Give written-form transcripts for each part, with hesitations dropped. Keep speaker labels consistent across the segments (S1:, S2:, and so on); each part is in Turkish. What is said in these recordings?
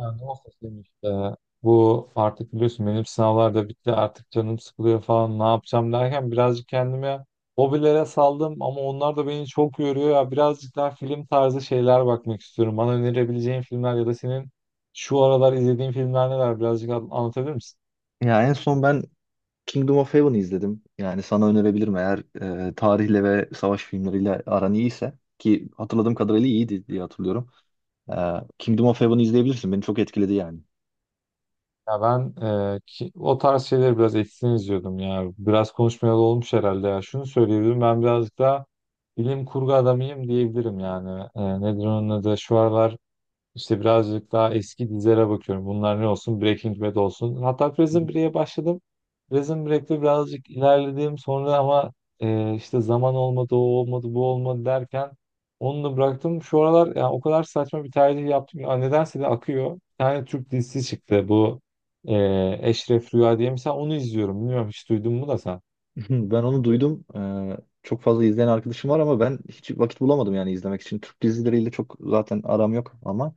S1: Ya ne olsa senin işte. Bu artık biliyorsun benim sınavlar da bitti artık canım sıkılıyor falan ne yapacağım derken birazcık kendime hobilere saldım ama onlar da beni çok yoruyor ya birazcık daha film tarzı şeyler bakmak istiyorum. Bana önerebileceğin filmler ya da senin şu aralar izlediğin filmler neler birazcık anlatabilir misin?
S2: Ya en son ben Kingdom of Heaven'ı izledim. Yani sana önerebilirim eğer tarihle ve savaş filmleriyle aran iyiyse ki hatırladığım kadarıyla iyiydi diye hatırlıyorum. E, Kingdom of Heaven'ı izleyebilirsin. Beni çok etkiledi yani.
S1: Ya ben o tarz şeyleri biraz eksin izliyordum ya. Biraz konuşmayalı olmuş herhalde ya. Şunu söyleyebilirim ben birazcık daha bilim kurgu adamıyım diyebilirim yani. Nedir onun adı? Şu aralar İşte birazcık daha eski dizilere bakıyorum. Bunlar ne olsun? Breaking Bad olsun. Hatta Prison Break'e başladım. Prison Break'te birazcık ilerledim. Sonra ama işte zaman olmadı, o olmadı, bu olmadı derken onu da bıraktım. Şu aralar yani o kadar saçma bir tercih yaptım ki. Aa, nedense de akıyor. Bir tane Türk dizisi çıktı. Bu e, Eşref Rüya diye. Mesela onu izliyorum. Bilmiyorum hiç duydun mu da sen.
S2: Ben onu duydum. Çok fazla izleyen arkadaşım var ama ben hiç vakit bulamadım yani izlemek için. Türk dizileriyle çok zaten aram yok ama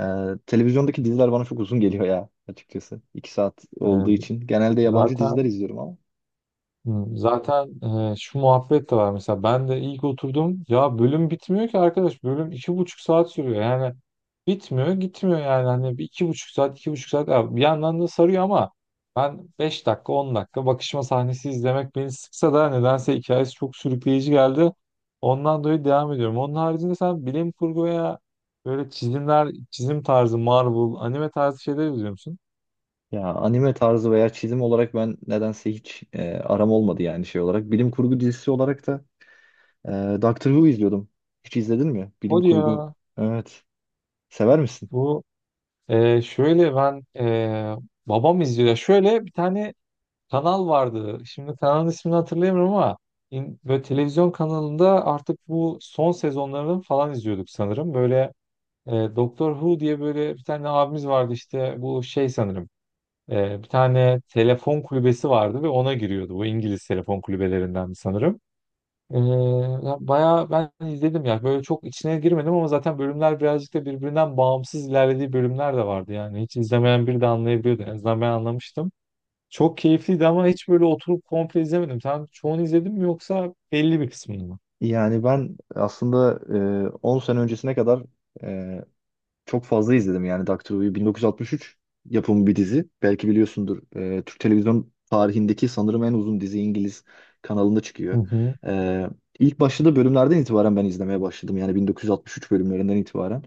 S2: e, televizyondaki diziler bana çok uzun geliyor ya açıkçası. 2 saat
S1: E,
S2: olduğu için. Genelde yabancı
S1: zaten
S2: diziler izliyorum ama.
S1: Zaten şu muhabbet de var mesela ben de ilk oturdum ya bölüm bitmiyor ki arkadaş bölüm iki buçuk saat sürüyor yani bitmiyor gitmiyor yani hani bir iki buçuk saat iki buçuk saat. Ya bir yandan da sarıyor ama ben beş dakika on dakika bakışma sahnesi izlemek beni sıksa da nedense hikayesi çok sürükleyici geldi, ondan dolayı devam ediyorum. Onun haricinde sen bilim kurgu veya böyle çizim tarzı, Marvel anime tarzı şeyler izliyor musun?
S2: Ya anime tarzı veya çizim olarak ben nedense hiç aram olmadı yani şey olarak. Bilim kurgu dizisi olarak da e, Doctor Who izliyordum. Hiç izledin mi? Bilim
S1: Hadi
S2: kurgu.
S1: ya.
S2: Evet. Sever misin?
S1: Bu şöyle ben Babam izliyor. Ya şöyle bir tane kanal vardı. Şimdi kanalın ismini hatırlayamıyorum ama böyle televizyon kanalında artık bu son sezonlarını falan izliyorduk sanırım. Böyle Doktor Who diye böyle bir tane abimiz vardı işte bu şey sanırım. Bir tane telefon kulübesi vardı ve ona giriyordu. Bu İngiliz telefon kulübelerinden sanırım. Ee, Ya bayağı ben izledim ya. Böyle çok içine girmedim ama zaten bölümler birazcık da birbirinden bağımsız ilerlediği bölümler de vardı yani. Hiç izlemeyen biri de anlayabiliyordu. En azından ben anlamıştım. Çok keyifliydi ama hiç böyle oturup komple izlemedim. Sen çoğunu izledin mi yoksa belli bir kısmını mı?
S2: Yani ben aslında 10 sene öncesine kadar e, çok fazla izledim yani Doctor Who'yu. 1963 yapımı bir dizi. Belki biliyorsundur. Türk televizyon tarihindeki sanırım en uzun dizi İngiliz kanalında
S1: Hı
S2: çıkıyor.
S1: hı.
S2: Ee, ilk başladığı bölümlerden itibaren ben izlemeye başladım. Yani 1963 bölümlerinden itibaren.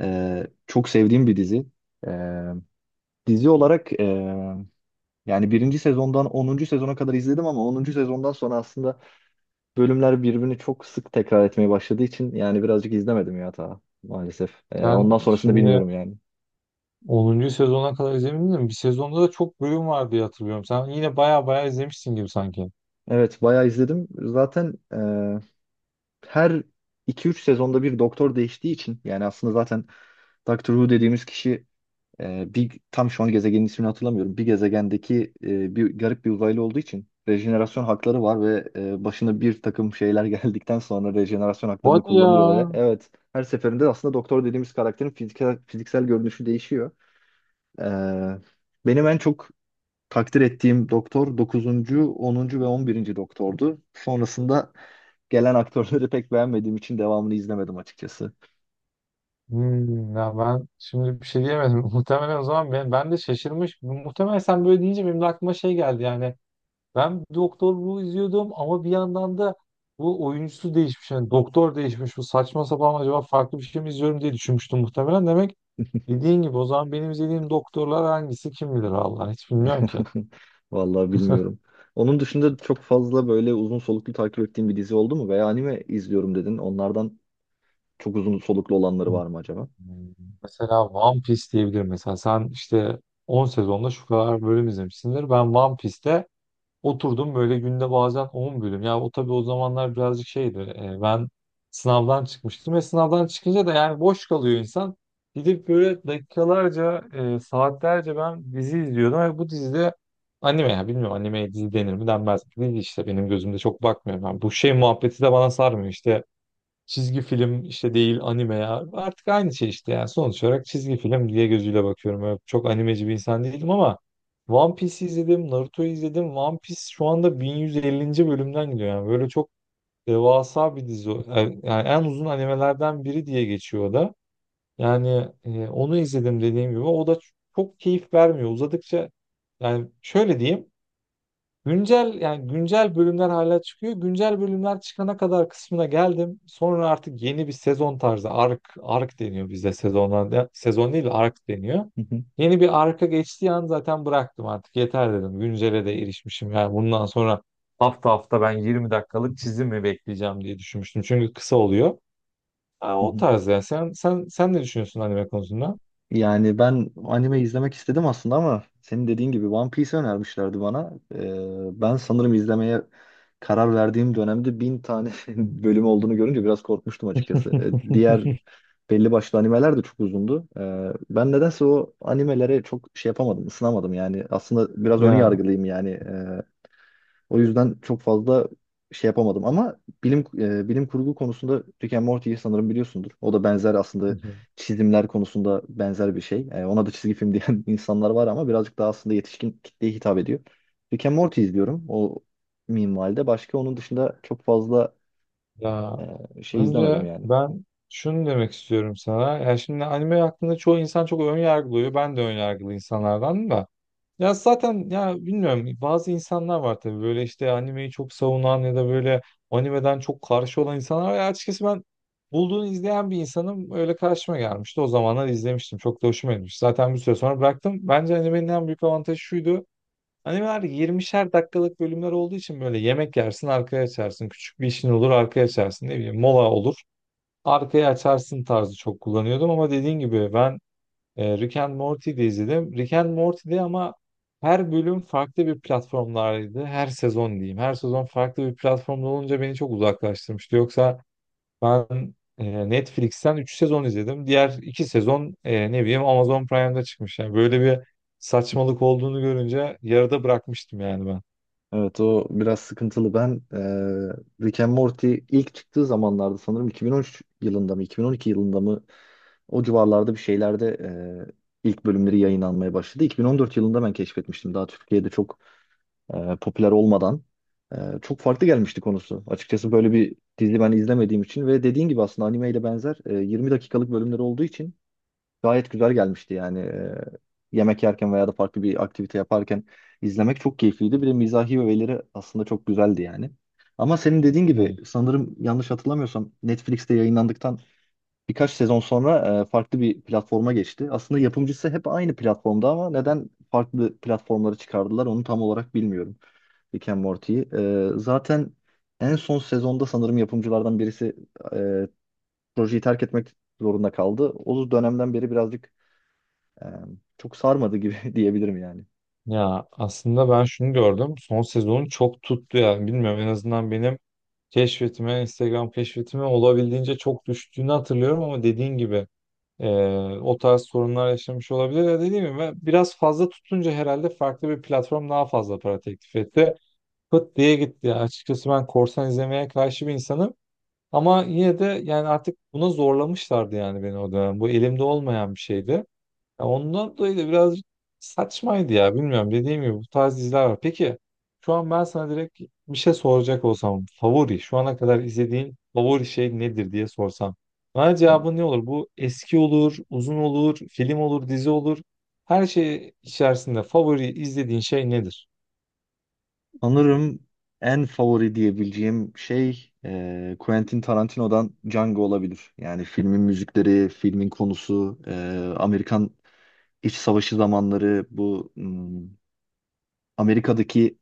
S2: Çok sevdiğim bir dizi. Ee, dizi olarak yani birinci sezondan 10. sezona kadar izledim ama 10. sezondan sonra aslında bölümler birbirini çok sık tekrar etmeye başladığı için yani birazcık izlemedim ya ta maalesef. Ee,
S1: Sen
S2: ondan sonrasını
S1: şimdi
S2: bilmiyorum yani.
S1: onuncu sezona kadar izlemedin mi? Bir sezonda da çok bölüm var diye hatırlıyorum. Sen yine bayağı bayağı izlemişsin gibi sanki.
S2: Evet, bayağı izledim. Zaten her iki üç sezonda bir doktor değiştiği için yani aslında zaten Doctor Who dediğimiz kişi bir tam şu an gezegenin ismini hatırlamıyorum. Bir gezegendeki bir garip bir uzaylı olduğu için rejenerasyon hakları var ve başına bir takım şeyler geldikten sonra rejenerasyon haklarını
S1: Hadi ya.
S2: kullanıyor ve evet her seferinde aslında doktor dediğimiz karakterin fiziksel görünüşü değişiyor. E, benim en çok takdir ettiğim doktor dokuzuncu, 10. ve 11. doktordu. Sonrasında gelen aktörleri pek beğenmediğim için devamını izlemedim açıkçası.
S1: Hmm, ya ben şimdi bir şey diyemedim. Muhtemelen o zaman ben de şaşırmış. Muhtemelen sen böyle deyince benim de aklıma şey geldi yani. Ben Doktor Who izliyordum ama bir yandan da bu oyuncusu değişmiş. Yani doktor değişmiş. Bu saçma sapan acaba farklı bir şey mi izliyorum diye düşünmüştüm muhtemelen. Demek dediğin gibi o zaman benim izlediğim doktorlar hangisi kim bilir Allah, hiç bilmiyorum ki.
S2: Vallahi bilmiyorum. Onun dışında çok fazla böyle uzun soluklu takip ettiğim bir dizi oldu mu? Veya anime izliyorum dedin. Onlardan çok uzun soluklu olanları
S1: Hmm.
S2: var mı acaba?
S1: Mesela One Piece diyebilirim. Mesela sen işte 10 sezonda şu kadar bölüm izlemişsindir. Ben One Piece'te oturdum böyle günde bazen 10 bölüm. Ya o tabii o zamanlar birazcık şeydi. Ben sınavdan çıkmıştım ve sınavdan çıkınca da yani boş kalıyor insan. Gidip böyle dakikalarca, saatlerce ben dizi izliyordum ve bu dizide, anime ya, bilmiyorum animeye dizi denir mi denmez mi? Dizi işte benim gözümde çok bakmıyor. Ben bu şey muhabbeti de bana sarmıyor işte. Çizgi film işte, değil anime ya. Artık aynı şey işte yani. Sonuç olarak çizgi film diye gözüyle bakıyorum. Öyle çok animeci bir insan değilim ama One Piece izledim, Naruto'yu izledim. One Piece şu anda 1150. bölümden gidiyor yani. Böyle çok devasa bir dizi. Yani yani en uzun animelerden biri diye geçiyor o da. Yani onu izledim dediğim gibi. O da çok keyif vermiyor. Uzadıkça yani şöyle diyeyim. Güncel yani güncel bölümler hala çıkıyor. Güncel bölümler çıkana kadar kısmına geldim. Sonra artık yeni bir sezon tarzı, ark ark deniyor bizde sezonlarda. Sezon değil de ark deniyor.
S2: Hı hı,
S1: Yeni bir arka geçtiği an zaten bıraktım artık. Yeter dedim. Güncele de erişmişim. Yani bundan sonra hafta hafta ben 20 dakikalık çizim mi bekleyeceğim diye düşünmüştüm. Çünkü kısa oluyor. Ha,
S2: hı
S1: o
S2: hı.
S1: tarz yani. Sen ne düşünüyorsun anime konusunda?
S2: Yani ben anime izlemek istedim aslında ama senin dediğin gibi One Piece önermişlerdi bana. Ben sanırım izlemeye karar verdiğim dönemde 1000 tane bölüm olduğunu görünce biraz korkmuştum açıkçası. Diğer belli başlı animeler de çok uzundu. Ben nedense o animelere çok şey yapamadım, ısınamadım yani. Aslında biraz ön
S1: Ya
S2: yargılıyım yani. O yüzden çok fazla şey yapamadım ama bilim bilim kurgu konusunda Rick and Morty'yi sanırım biliyorsundur. O da benzer aslında çizimler konusunda benzer bir şey. Ona da çizgi film diyen insanlar var ama birazcık daha aslında yetişkin kitleye hitap ediyor. Rick and Morty izliyorum o minvalde. Başka onun dışında çok fazla
S1: ya
S2: şey izlemedim
S1: Önce
S2: yani.
S1: ben şunu demek istiyorum sana. Yani şimdi anime hakkında çoğu insan çok ön yargılıyor. Ben de ön yargılı insanlardan da. Ya zaten ya bilmiyorum, bazı insanlar var tabii böyle işte animeyi çok savunan ya da böyle animeden çok karşı olan insanlar var. Ya açıkçası ben bulduğunu izleyen bir insanım, öyle karşıma gelmişti. O zamanlar izlemiştim. Çok da hoşuma gitmiş. Zaten bir süre sonra bıraktım. Bence animenin en büyük avantajı şuydu: animeler 20'şer dakikalık bölümler olduğu için böyle yemek yersin arkaya açarsın. Küçük bir işin olur arkaya açarsın. Ne bileyim mola olur arkaya açarsın tarzı çok kullanıyordum ama dediğin gibi ben Rick and Morty'de izledim. Rick and Morty'de ama her bölüm farklı bir platformlardaydı. Her sezon diyeyim. Her sezon farklı bir platformda olunca beni çok uzaklaştırmıştı. Yoksa ben Netflix'ten 3 sezon izledim. Diğer 2 sezon ne bileyim Amazon Prime'da çıkmış. Yani böyle bir saçmalık olduğunu görünce yarıda bırakmıştım yani ben.
S2: Evet o biraz sıkıntılı. Ben Rick and Morty ilk çıktığı zamanlarda sanırım 2013 yılında mı 2012 yılında mı o civarlarda bir şeylerde ilk bölümleri yayınlanmaya başladı. 2014 yılında ben keşfetmiştim. Daha Türkiye'de çok popüler olmadan e, çok farklı gelmişti konusu. Açıkçası böyle bir dizi ben izlemediğim için ve dediğin gibi aslında animeyle benzer 20 dakikalık bölümleri olduğu için gayet güzel gelmişti yani. Yemek yerken veya da farklı bir aktivite yaparken izlemek çok keyifliydi. Bir de mizahi öğeleri aslında çok güzeldi yani. Ama senin dediğin gibi
S1: Evet.
S2: sanırım yanlış hatırlamıyorsam Netflix'te yayınlandıktan birkaç sezon sonra farklı bir platforma geçti. Aslında yapımcısı hep aynı platformda ama neden farklı platformlara çıkardılar onu tam olarak bilmiyorum. Rick and Morty'yi. Zaten en son sezonda sanırım yapımcılardan birisi e, projeyi terk etmek zorunda kaldı. O dönemden beri birazcık ee, çok sarmadı gibi diyebilirim yani.
S1: Ya aslında ben şunu gördüm. Son sezonu çok tuttu yani. Bilmiyorum, en azından benim keşfetime, Instagram keşfetime olabildiğince çok düştüğünü hatırlıyorum ama dediğin gibi e, o tarz sorunlar yaşamış olabilir. Ya dediğim gibi ben, biraz fazla tutunca herhalde farklı bir platform daha fazla para teklif etti. Pıt diye gitti. Yani açıkçası ben korsan izlemeye karşı bir insanım. Ama yine de yani artık buna zorlamışlardı yani beni o dönem. Bu elimde olmayan bir şeydi. Ya ondan dolayı da biraz saçmaydı ya, bilmiyorum, dediğim gibi bu tarz diziler var. Peki şu an ben sana direkt bir şey soracak olsam, favori, şu ana kadar izlediğin favori şey nedir diye sorsam, bana cevabın ne olur? Bu eski olur, uzun olur, film olur, dizi olur. Her şey içerisinde favori izlediğin şey nedir?
S2: Sanırım en favori diyebileceğim şey Quentin Tarantino'dan Django olabilir. Yani filmin müzikleri, filmin konusu, Amerikan İç Savaşı zamanları, bu Amerika'daki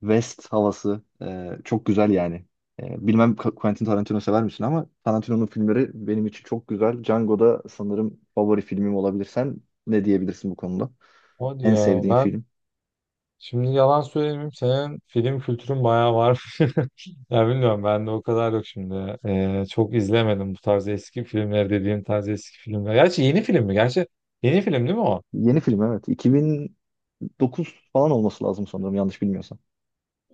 S2: West havası çok güzel yani. Bilmem Quentin Tarantino sever misin ama Tarantino'nun filmleri benim için çok güzel. Django da sanırım favori filmim olabilir. Sen ne diyebilirsin bu konuda?
S1: Hadi
S2: En
S1: ya,
S2: sevdiğin
S1: ben
S2: film?
S1: şimdi yalan söylemeyeyim, senin film kültürün bayağı var. Ya bilmiyorum, ben de o kadar yok şimdi. Çok izlemedim bu tarz eski filmleri, dediğim tarz eski filmler. Gerçi yeni film mi? Gerçi yeni film değil mi o?
S2: Yeni film evet. 2009 falan olması lazım sanırım yanlış bilmiyorsam.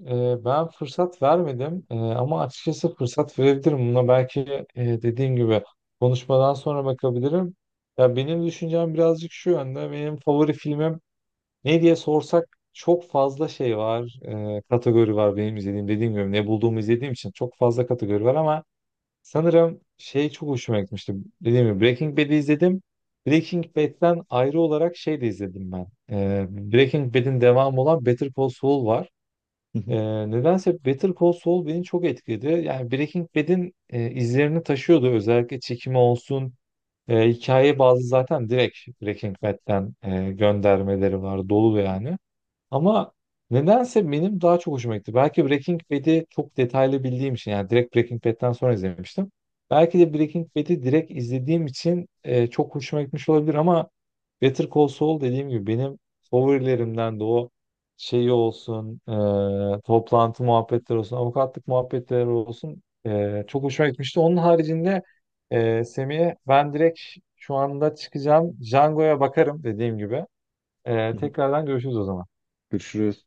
S1: Ben fırsat vermedim ama açıkçası fırsat verebilirim. Buna belki dediğim gibi konuşmadan sonra bakabilirim. Ya benim düşüncem birazcık şu yönde. Benim favori filmim ne diye sorsak, çok fazla şey var, kategori var benim izlediğim. Dediğim gibi ne bulduğumu izlediğim için çok fazla kategori var ama sanırım şey çok hoşuma gitmişti. Dediğim gibi Breaking Bad'i izledim. Breaking Bad'den ayrı olarak şey de izledim ben. Breaking Bad'in devamı olan Better Call Saul var.
S2: Hı hı,
S1: E, Nedense Better Call Saul beni çok etkiledi. Yani Breaking Bad'in izlerini taşıyordu. Özellikle çekimi olsun, hikaye bazı zaten direkt Breaking Bad'den göndermeleri var. Dolu yani. Ama nedense benim daha çok hoşuma gitti. Belki Breaking Bad'i çok detaylı bildiğim için, yani direkt Breaking Bad'den sonra izlemiştim. Belki de Breaking Bad'i direkt izlediğim için çok hoşuma gitmiş olabilir ama Better Call Saul dediğim gibi benim favorilerimden, de o şeyi olsun, toplantı muhabbetleri olsun, avukatlık muhabbetleri olsun çok hoşuma gitmişti. Onun haricinde Semih'e ben direkt şu anda çıkacağım. Django'ya bakarım dediğim gibi.
S2: hı hı.
S1: Tekrardan görüşürüz o zaman.
S2: Görüşürüz.